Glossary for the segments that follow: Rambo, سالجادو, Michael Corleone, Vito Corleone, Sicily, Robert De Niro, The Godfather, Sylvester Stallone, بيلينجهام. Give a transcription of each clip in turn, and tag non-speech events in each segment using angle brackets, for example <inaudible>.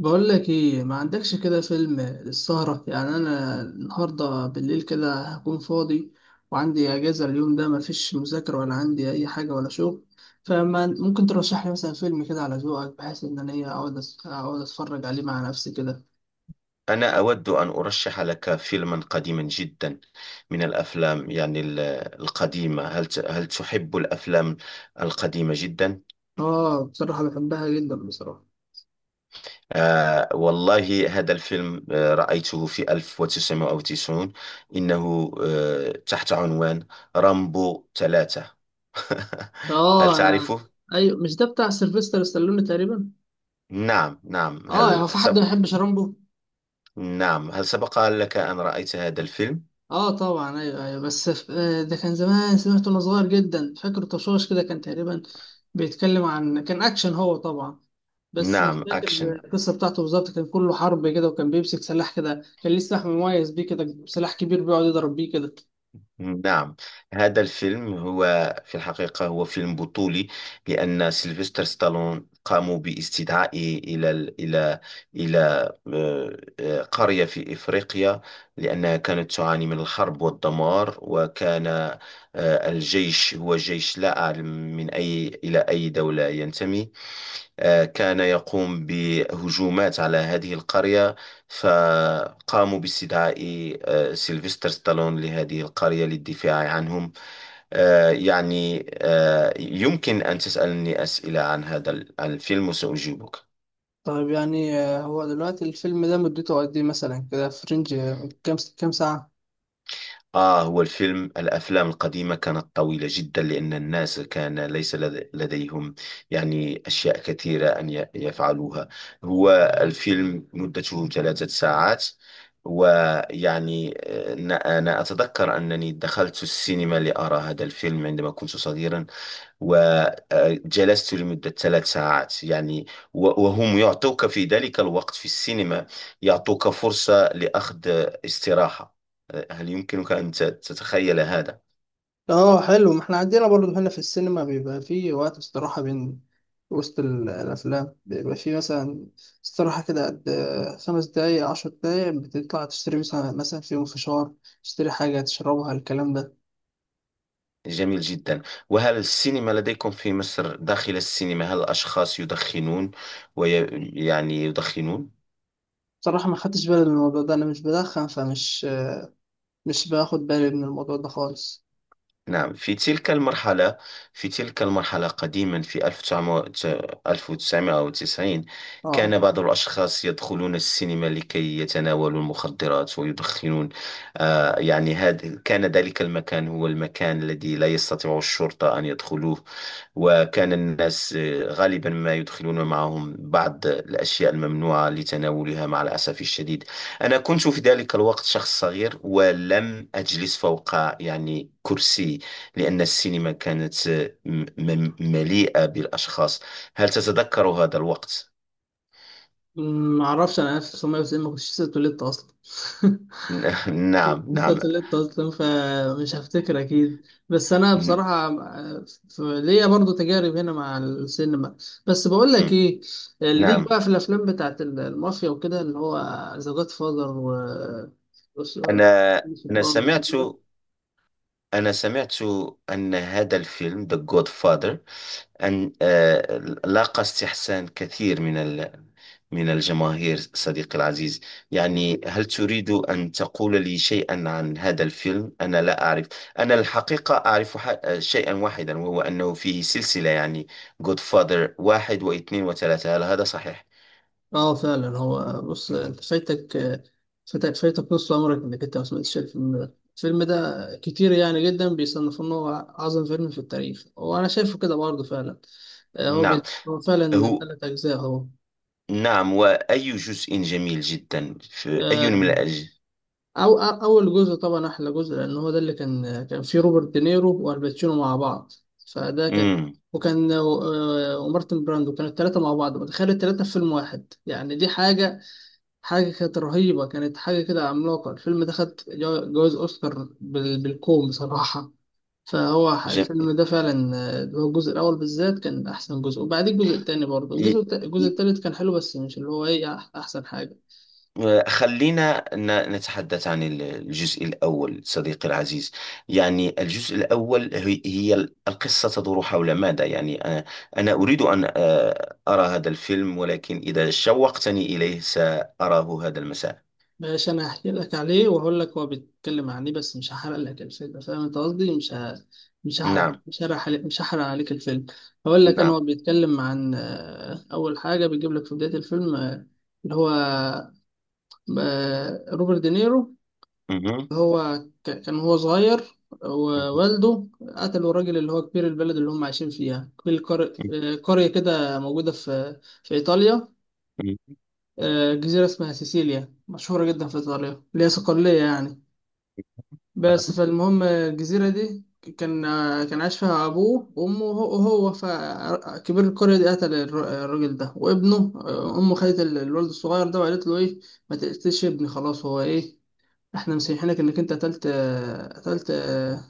بقول لك ايه ما عندكش كده فيلم للسهرة، يعني انا النهاردة بالليل كده هكون فاضي وعندي اجازة اليوم ده، ما فيش مذاكرة ولا عندي اي حاجة ولا شغل. فما ممكن ترشح لي مثلا فيلم كده على ذوقك، بحيث ان انا ايه اقعد اقعد اتفرج عليه مع نفسي كده. أنا أود أن أرشح لك فيلما قديما جدا من الأفلام القديمة. هل تحب الأفلام القديمة جدا؟ اه، بصراحة بحبها جدا بصراحة. آه والله، هذا الفيلم آه رأيته في 1990. إنه تحت عنوان رامبو ثلاثة. <laughs> هل اه انا، تعرفه؟ ايوه مش ده بتاع سيلفستر ستالوني تقريبا. نعم نعم. اه هو في حد ما يحبش رامبو. نعم، هل سبق لك أن رأيت هذا الفيلم؟ اه طبعا، ايوه ايوه، بس ده كان زمان سمعته وانا صغير جدا، فاكر طشاش كده، كان تقريبا بيتكلم عن، كان اكشن هو طبعا، بس مش نعم، فاكر أكشن. القصه بتاعته بالظبط. كان كله حرب كده، وكان بيمسك سلاح كده، كان ليه سلاح مميز بيه كده، سلاح كبير بيقعد يضرب بيه كده. نعم، هذا الفيلم هو في الحقيقة هو فيلم بطولي، لأن سيلفستر ستالون قاموا باستدعائه إلى ال- إلى إلى قرية في إفريقيا، لأنها كانت تعاني من الحرب والدمار، وكان الجيش هو جيش لا أعلم من أي إلى أي دولة ينتمي. كان يقوم بهجومات على هذه القرية، فقاموا باستدعاء سيلفستر ستالون لهذه القرية للدفاع عنهم. يمكن أن تسألني أسئلة عن عن الفيلم وسأجيبك. طيب، يعني هو دلوقتي الفيلم ده مدته قد ايه مثلا؟ كده في رينج كام كام ساعة؟ آه، هو الفيلم، الأفلام القديمة كانت طويلة جدا، لأن الناس كان ليس لد- لديهم يعني أشياء كثيرة أن يفعلوها. هو الفيلم مدته ثلاثة ساعات. ويعني أنا أتذكر أنني دخلت السينما لأرى هذا الفيلم عندما كنت صغيرا، وجلست لمدة ثلاث ساعات يعني. وهم يعطوك في ذلك الوقت في السينما، يعطوك فرصة لأخذ استراحة. هل يمكنك أن تتخيل هذا؟ اه حلو، ما احنا عندنا برضه هنا في السينما بيبقى فيه وقت استراحة بين وسط الأفلام، بيبقى فيه مثلا استراحة كده قد 5 دقايق، 10 دقايق، بتطلع تشتري مثلا، مثلا فيهم فشار، تشتري حاجة تشربها، الكلام ده. جميل جدا. وهل السينما لديكم في مصر، داخل السينما هل الأشخاص يدخنون ويعني يدخنون؟ بصراحة ما خدتش بالي من الموضوع ده، أنا مش بدخن، فمش مش باخد بالي من الموضوع ده خالص. نعم، في تلك المرحلة، في تلك المرحلة قديما في 1990 كان اه، بعض الأشخاص يدخلون السينما لكي يتناولوا المخدرات ويدخنون. هذا كان، ذلك المكان هو المكان الذي لا يستطيع الشرطة أن يدخلوه، وكان الناس غالبا ما يدخلون معهم بعض الأشياء الممنوعة لتناولها مع الأسف الشديد. أنا كنت في ذلك الوقت شخص صغير ولم أجلس فوق يعني كرسي، لأن السينما كانت مليئة بالأشخاص. هل تتذكر هذا الوقت؟ ما أعرفش، أنا 1990 ما كنتش لسه اتولدت أصلا. <laughs> <laughs> نعم لسه نعم. اتولدت اصلا، فمش هفتكر اكيد، بس انا م- بصراحه ليا برضو تجارب هنا مع السينما. بس بقول لك م- ايه، ليك نعم. بقى في الافلام بتاعت المافيا وكده، اللي هو ذا جاد فاذر، و وس- أنا أنا وسوبرانو سمعت والكلام ده. أنا سمعت أن هذا الفيلم The Godfather، أن لاقى استحسان كثير من الجماهير، صديقي العزيز. يعني، هل تريد أن تقول لي شيئا عن هذا الفيلم؟ أنا لا أعرف، أنا الحقيقة أعرف شيئا واحدا، وهو أنه فيه سلسلة يعني Godfather واحد واثنين وثلاثة. هل هذا صحيح؟ اه فعلا، هو بص، انت فايتك فايتك نص عمرك انك انت ما سمعتش الفيلم ده. الفيلم ده كتير يعني جدا بيصنفوه ان هو اعظم فيلم في التاريخ، وانا شايفه كده برضه فعلا. نعم. هو فعلا هو 3 أجزاء. هو نعم. وأي جزء جميل جدا في أي من آه، أول جزء طبعا أحلى جزء، لأن هو ده اللي كان فيه روبرت دينيرو والباتشينو مع بعض، فده كان مم. وكان آه، آه، ومارتن براندو، كانوا التلاتة مع بعض. متخيل التلاتة في فيلم واحد؟ يعني دي حاجة، حاجة كانت رهيبة، كانت حاجة كده عملاقة. الفيلم ده خد جوائز أوسكار بالكوم بصراحة. الفيلم ده فعلا اللي هو الجزء الأول بالذات كان أحسن جزء، وبعدين الجزء التاني برضه، الجزء جم... التالت كان حلو بس مش اللي هو إيه أحسن حاجة. خلينا نتحدث عن الجزء الأول، صديقي العزيز. يعني الجزء الأول، هي القصة تدور حول ماذا؟ أنا أريد أن أرى هذا الفيلم، ولكن إذا شوقتني إليه سأراه هذا المساء. ماشي، انا هحكي لك عليه واقول لك هو بيتكلم عن ايه، بس مش هحرق لك الفيلم، فاهم انت قصدي؟ مش ه... مش هحرق نعم مش هحرق عليك مش هحرق عليك الفيلم. هقول لك، انا نعم. هو بيتكلم عن اول حاجه بيجيب لك في بدايه الفيلم اللي هو روبرت دينيرو، مهم. هو كان هو صغير مهم. ووالده، قتلوا الراجل اللي هو كبير البلد اللي هم عايشين فيها، كبير قرية كده موجودة في إيطاليا، مهم. جزيرة اسمها سيسيليا، مشهورة جدا في إيطاليا، اللي هي صقلية يعني. بس نعم. فالمهم، الجزيرة دي كان كان عاش فيها أبوه وأمه وهو، وهو فكبير القرية دي قتل الراجل ده وابنه. أمه خدت الولد الصغير ده وقالت له إيه، ما تقتلش ابني، خلاص هو إيه، إحنا مسامحينك إنك أنت قتلت قتلت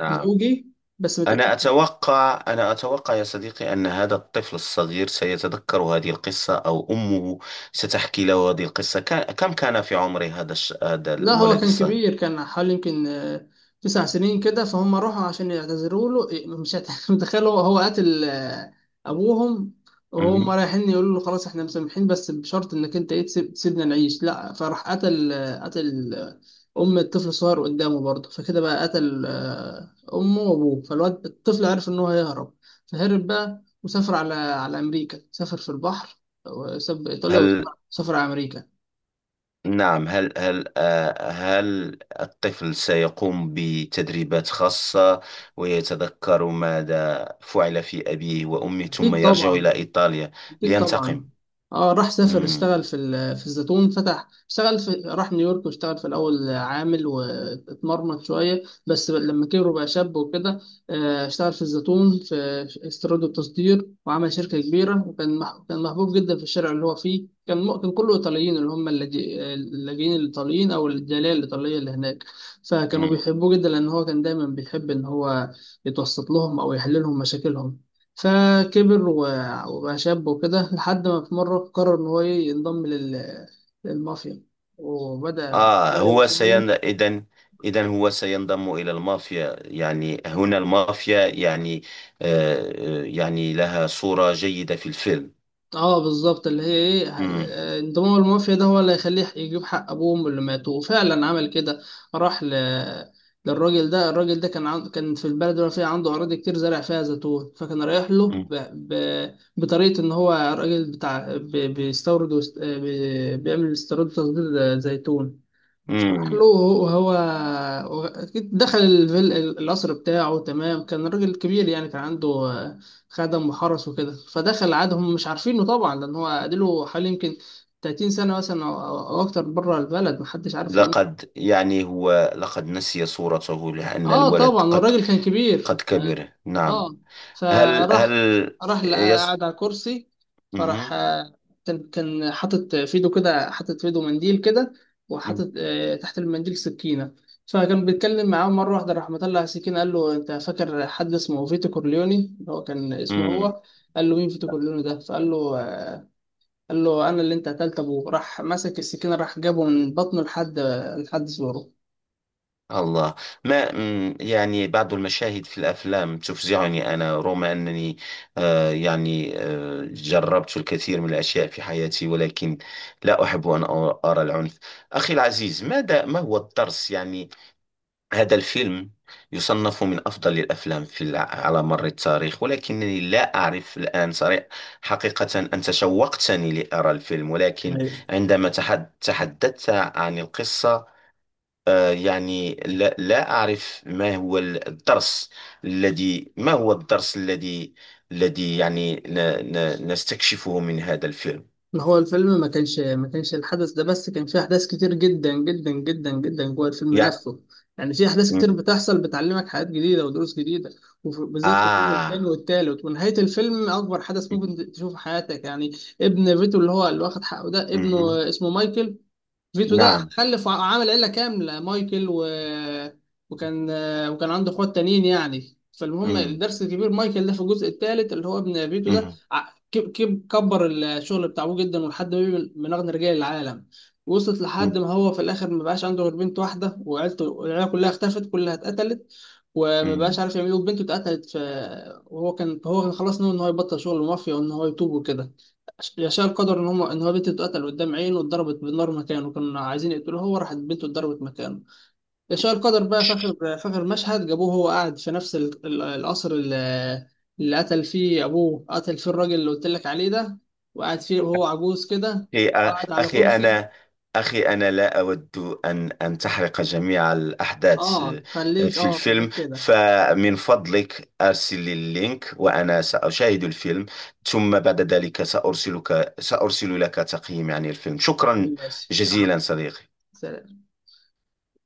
نعم. زوجي، بس ما تقتلش. أنا أتوقع، أنا أتوقع يا صديقي أن هذا الطفل الصغير سيتذكر هذه القصة، أو أمه ستحكي له هذه القصة. كان كم كان في عمر هذا لا هو الولد كان الصغير؟ كبير، كان حوالي يمكن 9 سنين كده. فهم راحوا عشان يعتذروا له إيه، مش هت- <laughs> متخيل، هو قتل ابوهم وهم مهم. رايحين يقولوا له خلاص احنا مسامحين، بس بشرط انك انت ايه تسيبنا نعيش. لا، فراح قتل ام الطفل الصغير قدامه برضه، فكده بقى قتل امه وابوه. فالواد الطفل عرف ان هو هيهرب، فهرب بقى وسافر على على امريكا، سافر في البحر وساب ايطاليا هل وسافر على امريكا. نعم هل هل آه، هل الطفل سيقوم بتدريبات خاصة ويتذكر ماذا فعل في أبيه وأمه، ثم اكيد يرجع طبعا، إلى إيطاليا اكيد طبعا. لينتقم؟ اه راح سافر، مم. اشتغل في الزيتون، فتح اشتغل في، راح نيويورك واشتغل في الاول عامل واتمرمط شويه. بس لما كبر وبقى شاب وكده، اشتغل في الزيتون، في استيراد وتصدير، وعمل شركه كبيره، وكان كان محبوب جدا في الشارع اللي هو فيه، كان كان كله ايطاليين، اللي هم اللاجئين الايطاليين او الجاليه الايطاليه اللي هناك. فكانوا بيحبوه جدا، لان هو كان دايما بيحب ان هو يتوسط لهم او يحل لهم مشاكلهم. فكبر وبقى شاب وكده، لحد ما في مرة قرر إن هو إيه، ينضم للمافيا، وبدأ آه، شوية هو سين بشوية. إذن، إذن هو سينضم إلى المافيا. يعني هنا المافيا يعني يعني لها صورة جيدة في الفيلم. اه بالظبط، اللي هي ايه مم. انضمام المافيا ده هو اللي هيخليه يجيب حق ابوهم اللي ماتوا، وفعلا عمل كده. راح للراجل ده. الراجل ده كان كان في البلد اللي فيها عنده اراضي كتير زرع فيها زيتون، فكان رايح له مم. بطريقه ان هو راجل بتاع ب... بيستورد وست... آه، بي... بيعمل استيراد وتصدير زيتون. صلاح مم. له، أكيد دخل الفيل القصر بتاعه تمام. كان راجل كبير يعني، كان عنده خدم وحرس وكده، فدخل عادهم مش عارفينه طبعا، لأن هو قاله حوالي يمكن 30 سنة مثلا أو أو أكتر بره البلد، محدش عارف هو مين. لقد يعني هو لقد نسي صورته، لأن اه الولد طبعا، قد والراجل كان كبير قد يعني. كبر، نعم. اه، هل فراح هل راح لقى، يس. قعد على كرسي. مم. فراح آه، كان حاطط في ايده كده، حاطط في ايده منديل كده، وحاطط تحت المنديل سكينة. فكان بيتكلم معاه، مرة واحدة راح مطلع سكينة قال له، انت فاكر حد اسمه فيتو كورليوني؟ اللي هو كان اسمه مم. هو. قال له، مين فيتو كورليوني ده؟ فقال له قال له، انا اللي انت قتلت ابوه. راح مسك السكينة، راح جابه من بطنه لحد، لحد زوره. الله. ما مم، يعني بعض المشاهد في الأفلام تفزعني، أنا رغم أنني جربت الكثير من الأشياء في حياتي، ولكن لا أحب أن أرى العنف. أخي العزيز، ما هو الدرس؟ يعني هذا الفيلم يصنف من أفضل الأفلام على مر التاريخ، ولكنني لا أعرف الآن صريح حقيقة. أنت شوقتني لأرى الفيلم، ولكن عندما تحدثت عن القصة لا أعرف ما هو الدرس الذي، ما هو الدرس الذي، الذي يعني نستكشفه من هذا الفيلم؟ ما هو الفيلم ما كانش الحدث ده بس، كان فيه أحداث كتير جدا جدا جوه الفيلم يعني نفسه. يعني في أحداث كتير بتحصل بتعلمك حاجات جديدة ودروس جديدة، وبالذات في الجزء الثاني آه. والثالث، ونهاية الفيلم أكبر حدث ممكن تشوفه في حياتك يعني. ابن فيتو اللي هو اللي واخد حقه ده، مهم. ابنه اسمه مايكل. فيتو ده نعم. خلف عامل عيلة كاملة، مايكل وكان، وكان عنده اخوات تانيين يعني. فالمهم، مم. الدرس الكبير، مايكل ده في الجزء الثالث، اللي هو ابن فيتو ده، مهم. كبر الشغل بتاع ابوه جدا، ولحد ما بقى من اغنى رجال العالم. وصلت لحد ما هو في الاخر ما بقاش عنده غير بنت واحدة، وعيلته، العيلة كلها اختفت، كلها اتقتلت. وما بقاش مم. عارف يعمل ايه، وبنته اتقتلت وهو كان، هو كان خلاص ناوي ان هو يبطل شغل المافيا وان هو يتوب وكده. يشاء القدر ان هم، ان هو بنته اتقتل قدام عينه، واتضربت بالنار مكانه، كانوا عايزين يقتلوه هو، راحت بنته اتضربت مكانه. يشاء القدر بقى، فاكر مشهد جابوه هو قاعد في نفس القصر اللي قتل فيه ابوه، قتل فيه الراجل اللي قلت لك عليه ده، وقاعد فيه وهو عجوز كده، أخي، وقاعد على أخي كرسي. أنا أخي أنا لا أود أن أن تحرق جميع الأحداث اه خليك، في اه الفيلم. خليك كده. فمن فضلك أرسل لي اللينك وأنا سأشاهد الفيلم، ثم بعد ذلك سأرسل لك تقييمي عن الفيلم. تمام، شكرا ماشي يا عم. جزيلا صديقي. سلام.